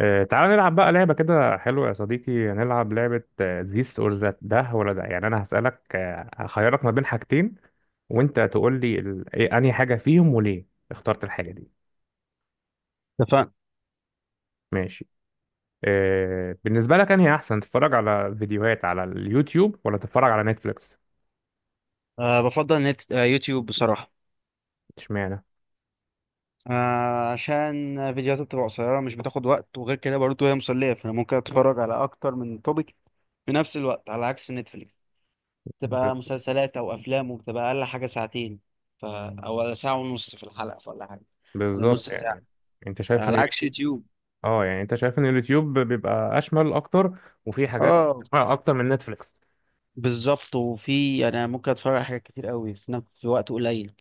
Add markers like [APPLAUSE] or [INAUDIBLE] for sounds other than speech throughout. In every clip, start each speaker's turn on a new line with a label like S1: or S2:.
S1: تعالى نلعب بقى لعبة كده حلوة يا صديقي. نلعب لعبة ذيس اور ذات، ده ولا ده. يعني أنا هسألك، هخيرك ما بين حاجتين وأنت تقول لي ال... إيه أنهي حاجة فيهم وليه اخترت الحاجة دي.
S2: اتفقنا.
S1: ماشي. بالنسبة لك أنهي أحسن، تتفرج على فيديوهات على اليوتيوب ولا تتفرج على نتفليكس؟
S2: أه، بفضل نت آه، يوتيوب بصراحة.
S1: اشمعنى؟
S2: أه، عشان فيديوهات بتبقى قصيرة، مش بتاخد وقت، وغير كده برضه هي مسلية، فأنا ممكن أتفرج على أكتر من توبيك في نفس الوقت، على عكس نتفليكس
S1: ب-
S2: تبقى مسلسلات أو أفلام وبتبقى أقل حاجة ساعتين، أو ساعة ونص في الحلقة ولا حاجة، ولا نص
S1: بالظبط
S2: ساعة،
S1: يعني. أنت شايف إن
S2: على عكس يوتيوب.
S1: اه يعني أنت شايف إن اليوتيوب بيبقى أشمل أكتر وفيه حاجات
S2: اه
S1: أكتر من نتفليكس.
S2: بالظبط، أنا ممكن أتفرج على حاجات كتير قوي في نفس في وقت قليل.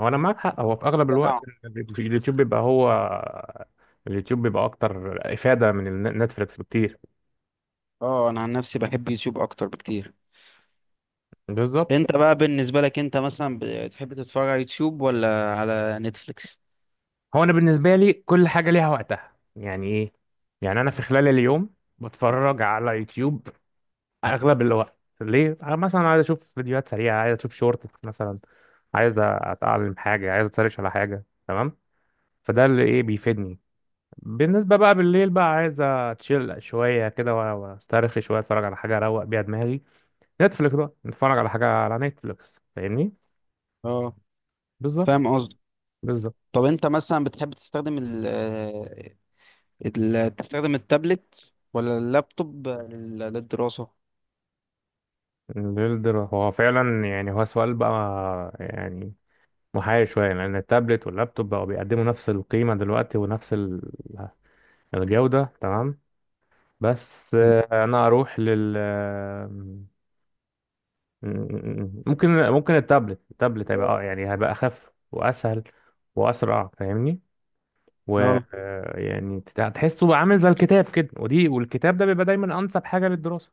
S1: هو انا معاك حق. هو في اغلب الوقت
S2: تنوع.
S1: اليوتيوب بيبقى هو، اليوتيوب بيبقى اكتر افاده من نتفليكس بكتير.
S2: اه، أنا عن نفسي بحب يوتيوب أكتر بكتير.
S1: بالظبط.
S2: انت بقى بالنسبة لك انت مثلا بتحب تتفرج على يوتيوب ولا على نتفليكس؟
S1: هو انا بالنسبه لي كل حاجه ليها وقتها. يعني ايه؟ يعني انا في خلال اليوم بتفرج على يوتيوب اغلب الوقت، ليه؟ أنا مثلا عايز اشوف فيديوهات سريعه، عايز اشوف شورت مثلا، عايز اتعلم حاجه، عايز اتسرش على حاجه، تمام؟ فده اللي ايه بيفيدني. بالنسبه بقى بالليل بقى، عايز اتشيل شويه كده واسترخي شويه، اتفرج على حاجه اروق بيها دماغي، نتفليكس بقى، نتفرج على حاجة على نتفليكس. فاهمني؟
S2: اه،
S1: بالظبط.
S2: فاهم قصدي.
S1: بالظبط.
S2: طب انت مثلا بتحب تستخدم تستخدم التابلت ولا اللابتوب للدراسة؟
S1: البيلدر هو فعلا يعني، هو سؤال بقى يعني محير شوية، لأن التابلت واللابتوب بقوا بيقدموا نفس القيمة دلوقتي ونفس الجودة، تمام؟ بس
S2: مم.
S1: أنا أروح لل ممكن التابلت هيبقى يعني هيبقى أخف وأسهل وأسرع، فاهمني؟ و
S2: اه،
S1: يعني تحسه بقى عامل زي الكتاب كده، ودي والكتاب ده بيبقى دايما أنسب حاجة للدراسة.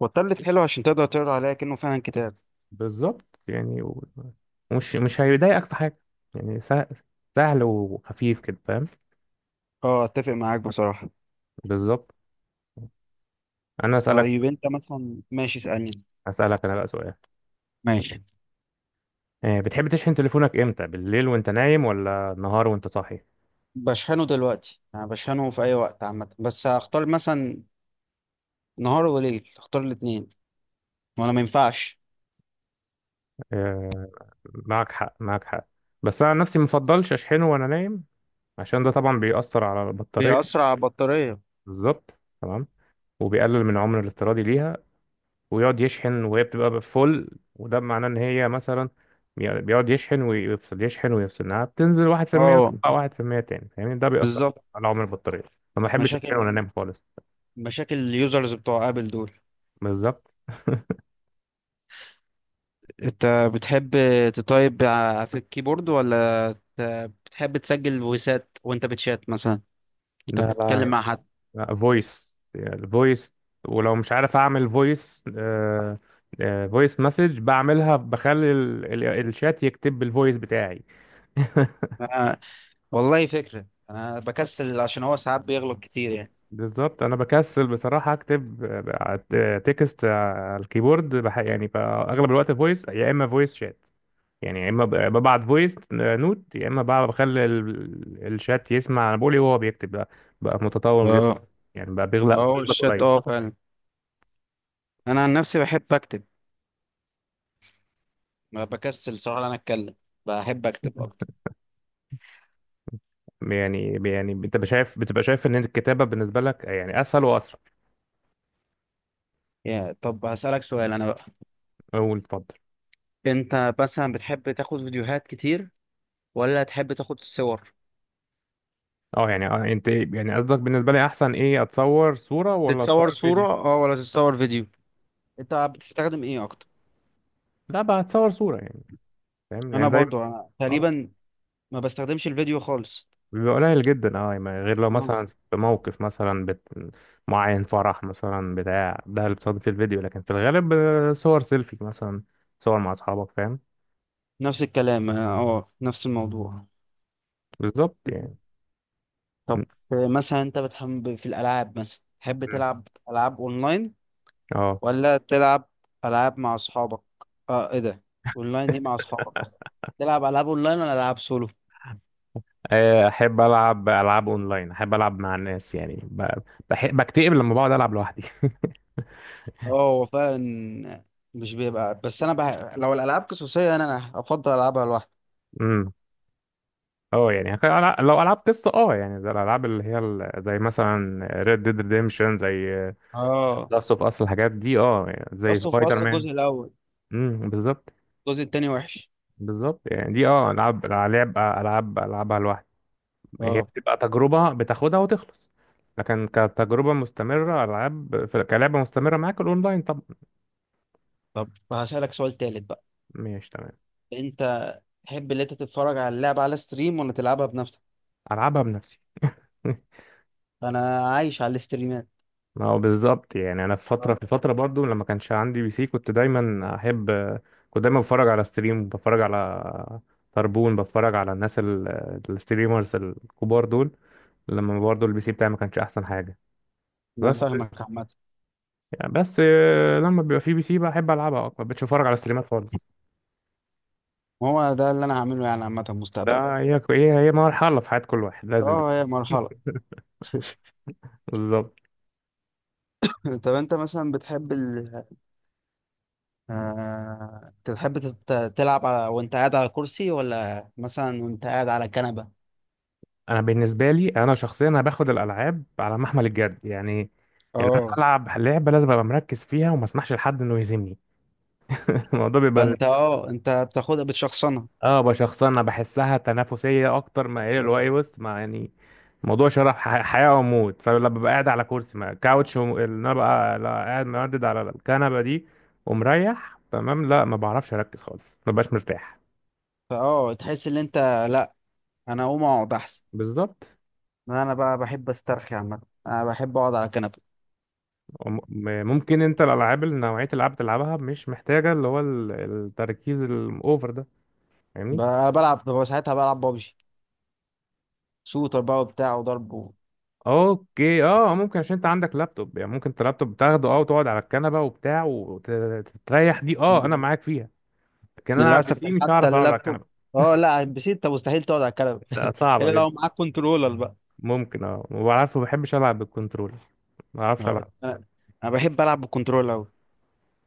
S2: والتابلت حلو عشان تقدر تقرا عليها كأنه فعلا كتاب.
S1: بالظبط يعني. ومش مش هيضايقك في حاجة، يعني سهل, سهل وخفيف كده، فاهم؟
S2: اه اتفق معاك بصراحة.
S1: بالظبط. أنا أسألك.
S2: طيب انت مثلا، ماشي اسألني.
S1: أسألك أنا بقى سؤال.
S2: ماشي.
S1: بتحب تشحن تليفونك إمتى، بالليل وأنت نايم ولا النهار وأنت صاحي؟
S2: بشحنه دلوقتي، يعني بشحنه في اي وقت عامة، بس هختار مثلا نهار وليل، اختار الاتنين، وانا ما ينفعش.
S1: آه، معك حق، معك حق. بس أنا عن نفسي مفضلش أشحنه وأنا نايم، عشان ده طبعا بيأثر على البطارية.
S2: بيأثر على البطارية.
S1: بالظبط، تمام. وبيقلل من عمر الافتراضي ليها، ويقعد يشحن وهي بتبقى فول. وده معناه ان هي مثلا، بيقعد يشحن ويفصل، يشحن ويفصل، انها بتنزل 1%
S2: اه
S1: وتطلع 1% تاني. فاهمني؟ ده بيأثر
S2: بالظبط.
S1: على عمر البطارية، فما بحبش اشحن
S2: مشاكل،
S1: وانا نايم خالص.
S2: مشاكل اليوزرز بتوع ابل دول.
S1: بالظبط.
S2: انت بتحب في الكيبورد، ت- بتحب تسجل فويسات وانت بتشات مثلا، انت
S1: ده
S2: بتتكلم
S1: بقى
S2: مع حد؟
S1: الفويس، ولو مش عارف اعمل فويس، فويس مسج بعملها، بخلي الشات يكتب بالفويس بتاعي. [LAUGHS]
S2: أنا والله فكرة، انا بكسل عشان هو ساعات بيغلط كتير يعني.
S1: بالظبط. انا بكسل بصراحه اكتب تكست على الكيبورد. يعني اغلب الوقت فويس، يا اما فويس شات. يعني يا اما ببعت فويس نوت، يا اما بقى بخلي الشات يسمع انا بقول ايه وهو بيكتب. بقى بقى متطور جدا
S2: اه.
S1: يعني، بقى بيغلق
S2: اه
S1: بيغلق
S2: الشات،
S1: قليل.
S2: اه فعلا. انا عن نفسي بحب اكتب، ما بكسل صراحة انا اتكلم، بحب اكتب اكتر.
S1: يعني يعني انت شايف، بتبقى شايف ان الكتابه بالنسبه لك يعني اسهل واسرع.
S2: يا طب هسألك سؤال انا بقى،
S1: قول اتفضل.
S2: انت مثلا بتحب تاخد فيديوهات كتير ولا تحب تاخد صور؟
S1: اه يعني انت يعني قصدك بالنسبه لي احسن ايه، اتصور صوره ولا
S2: تتصور
S1: اتصور
S2: صورة
S1: فيديو؟
S2: اه ولا تتصور فيديو؟ انت بتستخدم ايه اكتر؟
S1: لا بقى اتصور صوره يعني، فاهم؟
S2: انا
S1: يعني دايما.
S2: برضو انا
S1: اه
S2: تقريبا ما بستخدمش الفيديو خالص.
S1: بيبقى قليل جدا، اه يعني غير لو
S2: اه
S1: مثلا في موقف مثلا معين، فرح مثلا بتاع ده، اللي بتصادف في الفيديو. لكن في الغالب صور سيلفي مثلا، صور مع اصحابك، فاهم؟
S2: نفس الكلام، اه آه، نفس الموضوع.
S1: بالظبط يعني. م-
S2: طب مثلا انت بتحب في الالعاب، مثلا تحب
S1: م.
S2: تلعب العاب اونلاين
S1: اه.
S2: ولا تلعب العاب مع اصحابك؟ اه ايه ده، اونلاين دي مع اصحابك
S1: [LAUGHS]
S2: اصلا؟ تلعب العاب اونلاين ولا العاب سولو؟
S1: احب العب العاب اونلاين، احب العب مع الناس. يعني بحب بكتئب لما بقعد العب لوحدي. [LAUGHS]
S2: اه هو فعلا مش بيبقى، بس لو الالعاب قصصيه أنا افضل العبها لوحدي.
S1: امم. اه يعني لو العاب قصه، اه يعني زي الالعاب اللي هي زي مثلا ريد ديد ريديمشن، زي
S2: اه،
S1: لاست اوف اس، الحاجات دي. اه يعني زي
S2: اصلا في
S1: سبايدر
S2: اصلا
S1: مان.
S2: الجزء الاول،
S1: امم، بالظبط.
S2: الجزء التاني وحش.
S1: بالظبط يعني، دي اه العاب العاب العبها لوحدي، هي
S2: اه.
S1: بتبقى تجربه بتاخدها وتخلص. لكن كتجربه مستمره، العاب كلعبه مستمره معاك، الاونلاين طبعا.
S2: طب هسألك سؤال تالت بقى.
S1: ماشي، تمام.
S2: انت تحب اللي انت تتفرج على اللعبة على ستريم ولا تلعبها بنفسك؟
S1: العبها بنفسي. [LAUGHS]
S2: انا عايش على الاستريمات.
S1: ما هو بالظبط يعني، انا في فتره
S2: اه،
S1: في فتره برضو، لما كانش عندي بي سي، كنت دايما احب، كنت دايما بتفرج على ستريم، بتفرج على طربون، بتفرج على الناس الستريمرز الكبار دول. لما برضو البي سي بتاعي ما كانش احسن حاجه.
S2: انا
S1: بس
S2: فاهمك عامة.
S1: بس لما بيبقى في بي سي، بحب العبها اكتر، مش بتفرج على ستريمات خالص.
S2: هو ده اللي انا هعمله يعني، عامة مستقبلا.
S1: ده هي مرحله في حياه كل واحد، لازم بي
S2: اه هي
S1: سي.
S2: مرحلة. [LAUGHS]
S1: بالظبط.
S2: طب انت مثلا بتحب تحب تلعب على، وانت قاعد على كرسي ولا مثلا وانت قاعد على كنبة؟
S1: انا بالنسبه لي انا شخصيا، انا باخد الالعاب على محمل الجد يعني. يعني انا
S2: اه،
S1: العب لعبه لازم ابقى مركز فيها، وما اسمحش لحد انه يهزمني. [LAUGHS] الموضوع بيبقى
S2: فانت اه انت بتاخدها بتشخصنها.
S1: اه بشخصنة. انا بحسها تنافسية اكتر، ما هي اللي هو ايه،
S2: آه.
S1: بص ما يعني، موضوع شرف، حياة وموت. فلما ببقى قاعد على كرسي ما كاوتش اللي انا بقى، لا قاعد مردد على الكنبة دي ومريح تمام، لا ما بعرفش اركز خالص، ما ببقاش مرتاح.
S2: فاه تحس ان انت، لا انا اقوم اقعد احسن.
S1: بالظبط.
S2: ما انا بقى بحب استرخي عامه، انا بحب اقعد على الكنبه.
S1: ممكن انت الالعاب اللي، نوعية الالعاب بتلعبها مش محتاجة اللي هو التركيز الاوفر ده، فاهمني؟
S2: بلعب، ببقى ساعتها بلعب بابجي، شوتر بقى وبتاع وضرب و...
S1: اوكي اه، ممكن عشان انت عندك لابتوب يعني، ممكن انت اللابتوب تاخده اه وتقعد على الكنبة وبتاع وتريح، دي اه انا معاك فيها. لكن انا على البي
S2: للاسف
S1: سي مش
S2: حتى
S1: هعرف اقعد على
S2: اللابتوب.
S1: الكنبه.
S2: اه لا على البي سي انت مستحيل تقعد على الكنبه.
S1: لا،
S2: [LAUGHS]
S1: صعبه
S2: الا لو
S1: جدا.
S2: معاك كنترولر بقى.
S1: ممكن اه، ما بعرفش، ما بحبش العب بالكنترول، ما بعرفش
S2: آه،
S1: العب.
S2: انا أنا بحب العب بالكنترولر قوي.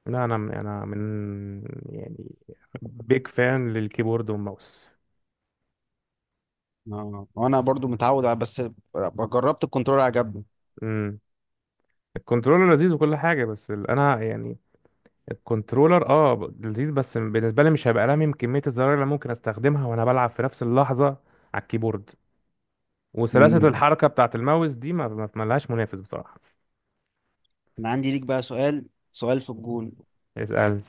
S1: لا انا من يعني، بيج فان للكيبورد والماوس.
S2: اه وانا برضو متعود على، بس جربت الكنترولر عجبني.
S1: امم. الكنترولر لذيذ وكل حاجه، بس انا يعني الكنترولر اه لذيذ، بس بالنسبه لي مش هبقى لامم كميه الزراير اللي ممكن استخدمها وانا بلعب في نفس اللحظه على الكيبورد. وسلاسه مم.
S2: مم.
S1: الحركه بتاعه الماوس دي ما لهاش منافس بصراحه.
S2: انا عندي ليك بقى سؤال، سؤال في الجون.
S1: اسال.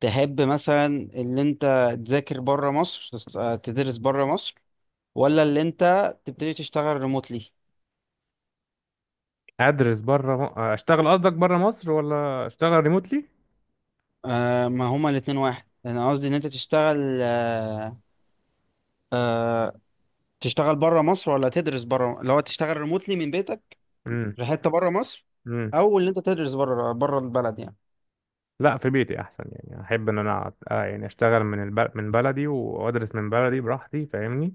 S2: تحب مثلا اللي انت تذاكر بره مصر، تدرس بره مصر، ولا اللي انت تبتدي تشتغل ريموتلي؟
S1: ادرس بره اشتغل قصدك، بره مصر ولا اشتغل ريموتلي؟
S2: آه، ما هما الاتنين واحد، انا قصدي ان انت تشتغل آه، تشتغل بره مصر، ولا تدرس بره، اللي هو تشتغل ريموتلي من بيتك
S1: امم.
S2: في حته بره مصر،
S1: امم.
S2: او اللي انت تدرس بره، بره البلد يعني.
S1: لا في بيتي احسن يعني، احب ان انا آه يعني اشتغل من من بلدي، وادرس من بلدي براحتي، فاهمني؟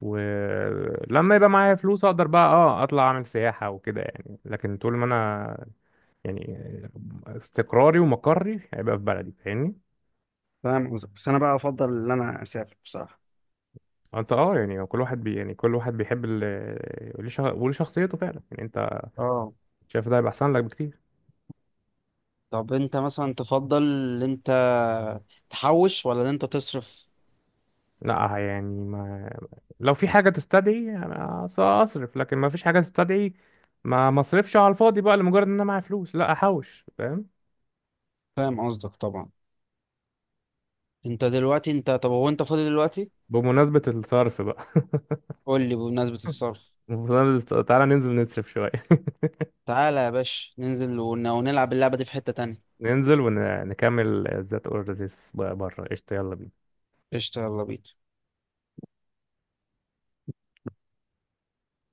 S1: ولما يبقى معايا فلوس اقدر بقى اه اطلع اعمل سياحة وكده يعني. لكن طول ما انا يعني، استقراري ومقري هيبقى في بلدي، فاهمني؟
S2: فاهم قصدك، بس انا بقى افضل ان انا اسافر بصراحه.
S1: انت اه يعني كل واحد بي يعني كل واحد بيحب ال... وليه وليه شخصيته فعلا يعني. انت
S2: اه.
S1: شايف ده هيبقى احسن لك بكتير.
S2: طب انت مثلا تفضل ان انت تحوش ولا ان انت تصرف؟
S1: لا يعني ما، لو في حاجة تستدعي أنا أصرف، لكن ما فيش حاجة تستدعي ما مصرفش على الفاضي بقى، لمجرد إن أنا معايا فلوس، لا أحوش، فاهم؟
S2: فاهم قصدك طبعا. انت دلوقتي انت طب هو انت فاضي دلوقتي؟
S1: بمناسبة الصرف بقى.
S2: قول لي بمناسبة الصرف.
S1: [LAUGHS] تعالى ننزل نصرف شوية.
S2: تعالى يا باشا ننزل ونلعب اللعبة دي في حتة تانية.
S1: [LAUGHS] ننزل ونكمل ذات أوردرز بره. قشطة، يلا بينا.
S2: قشطة يلا بينا.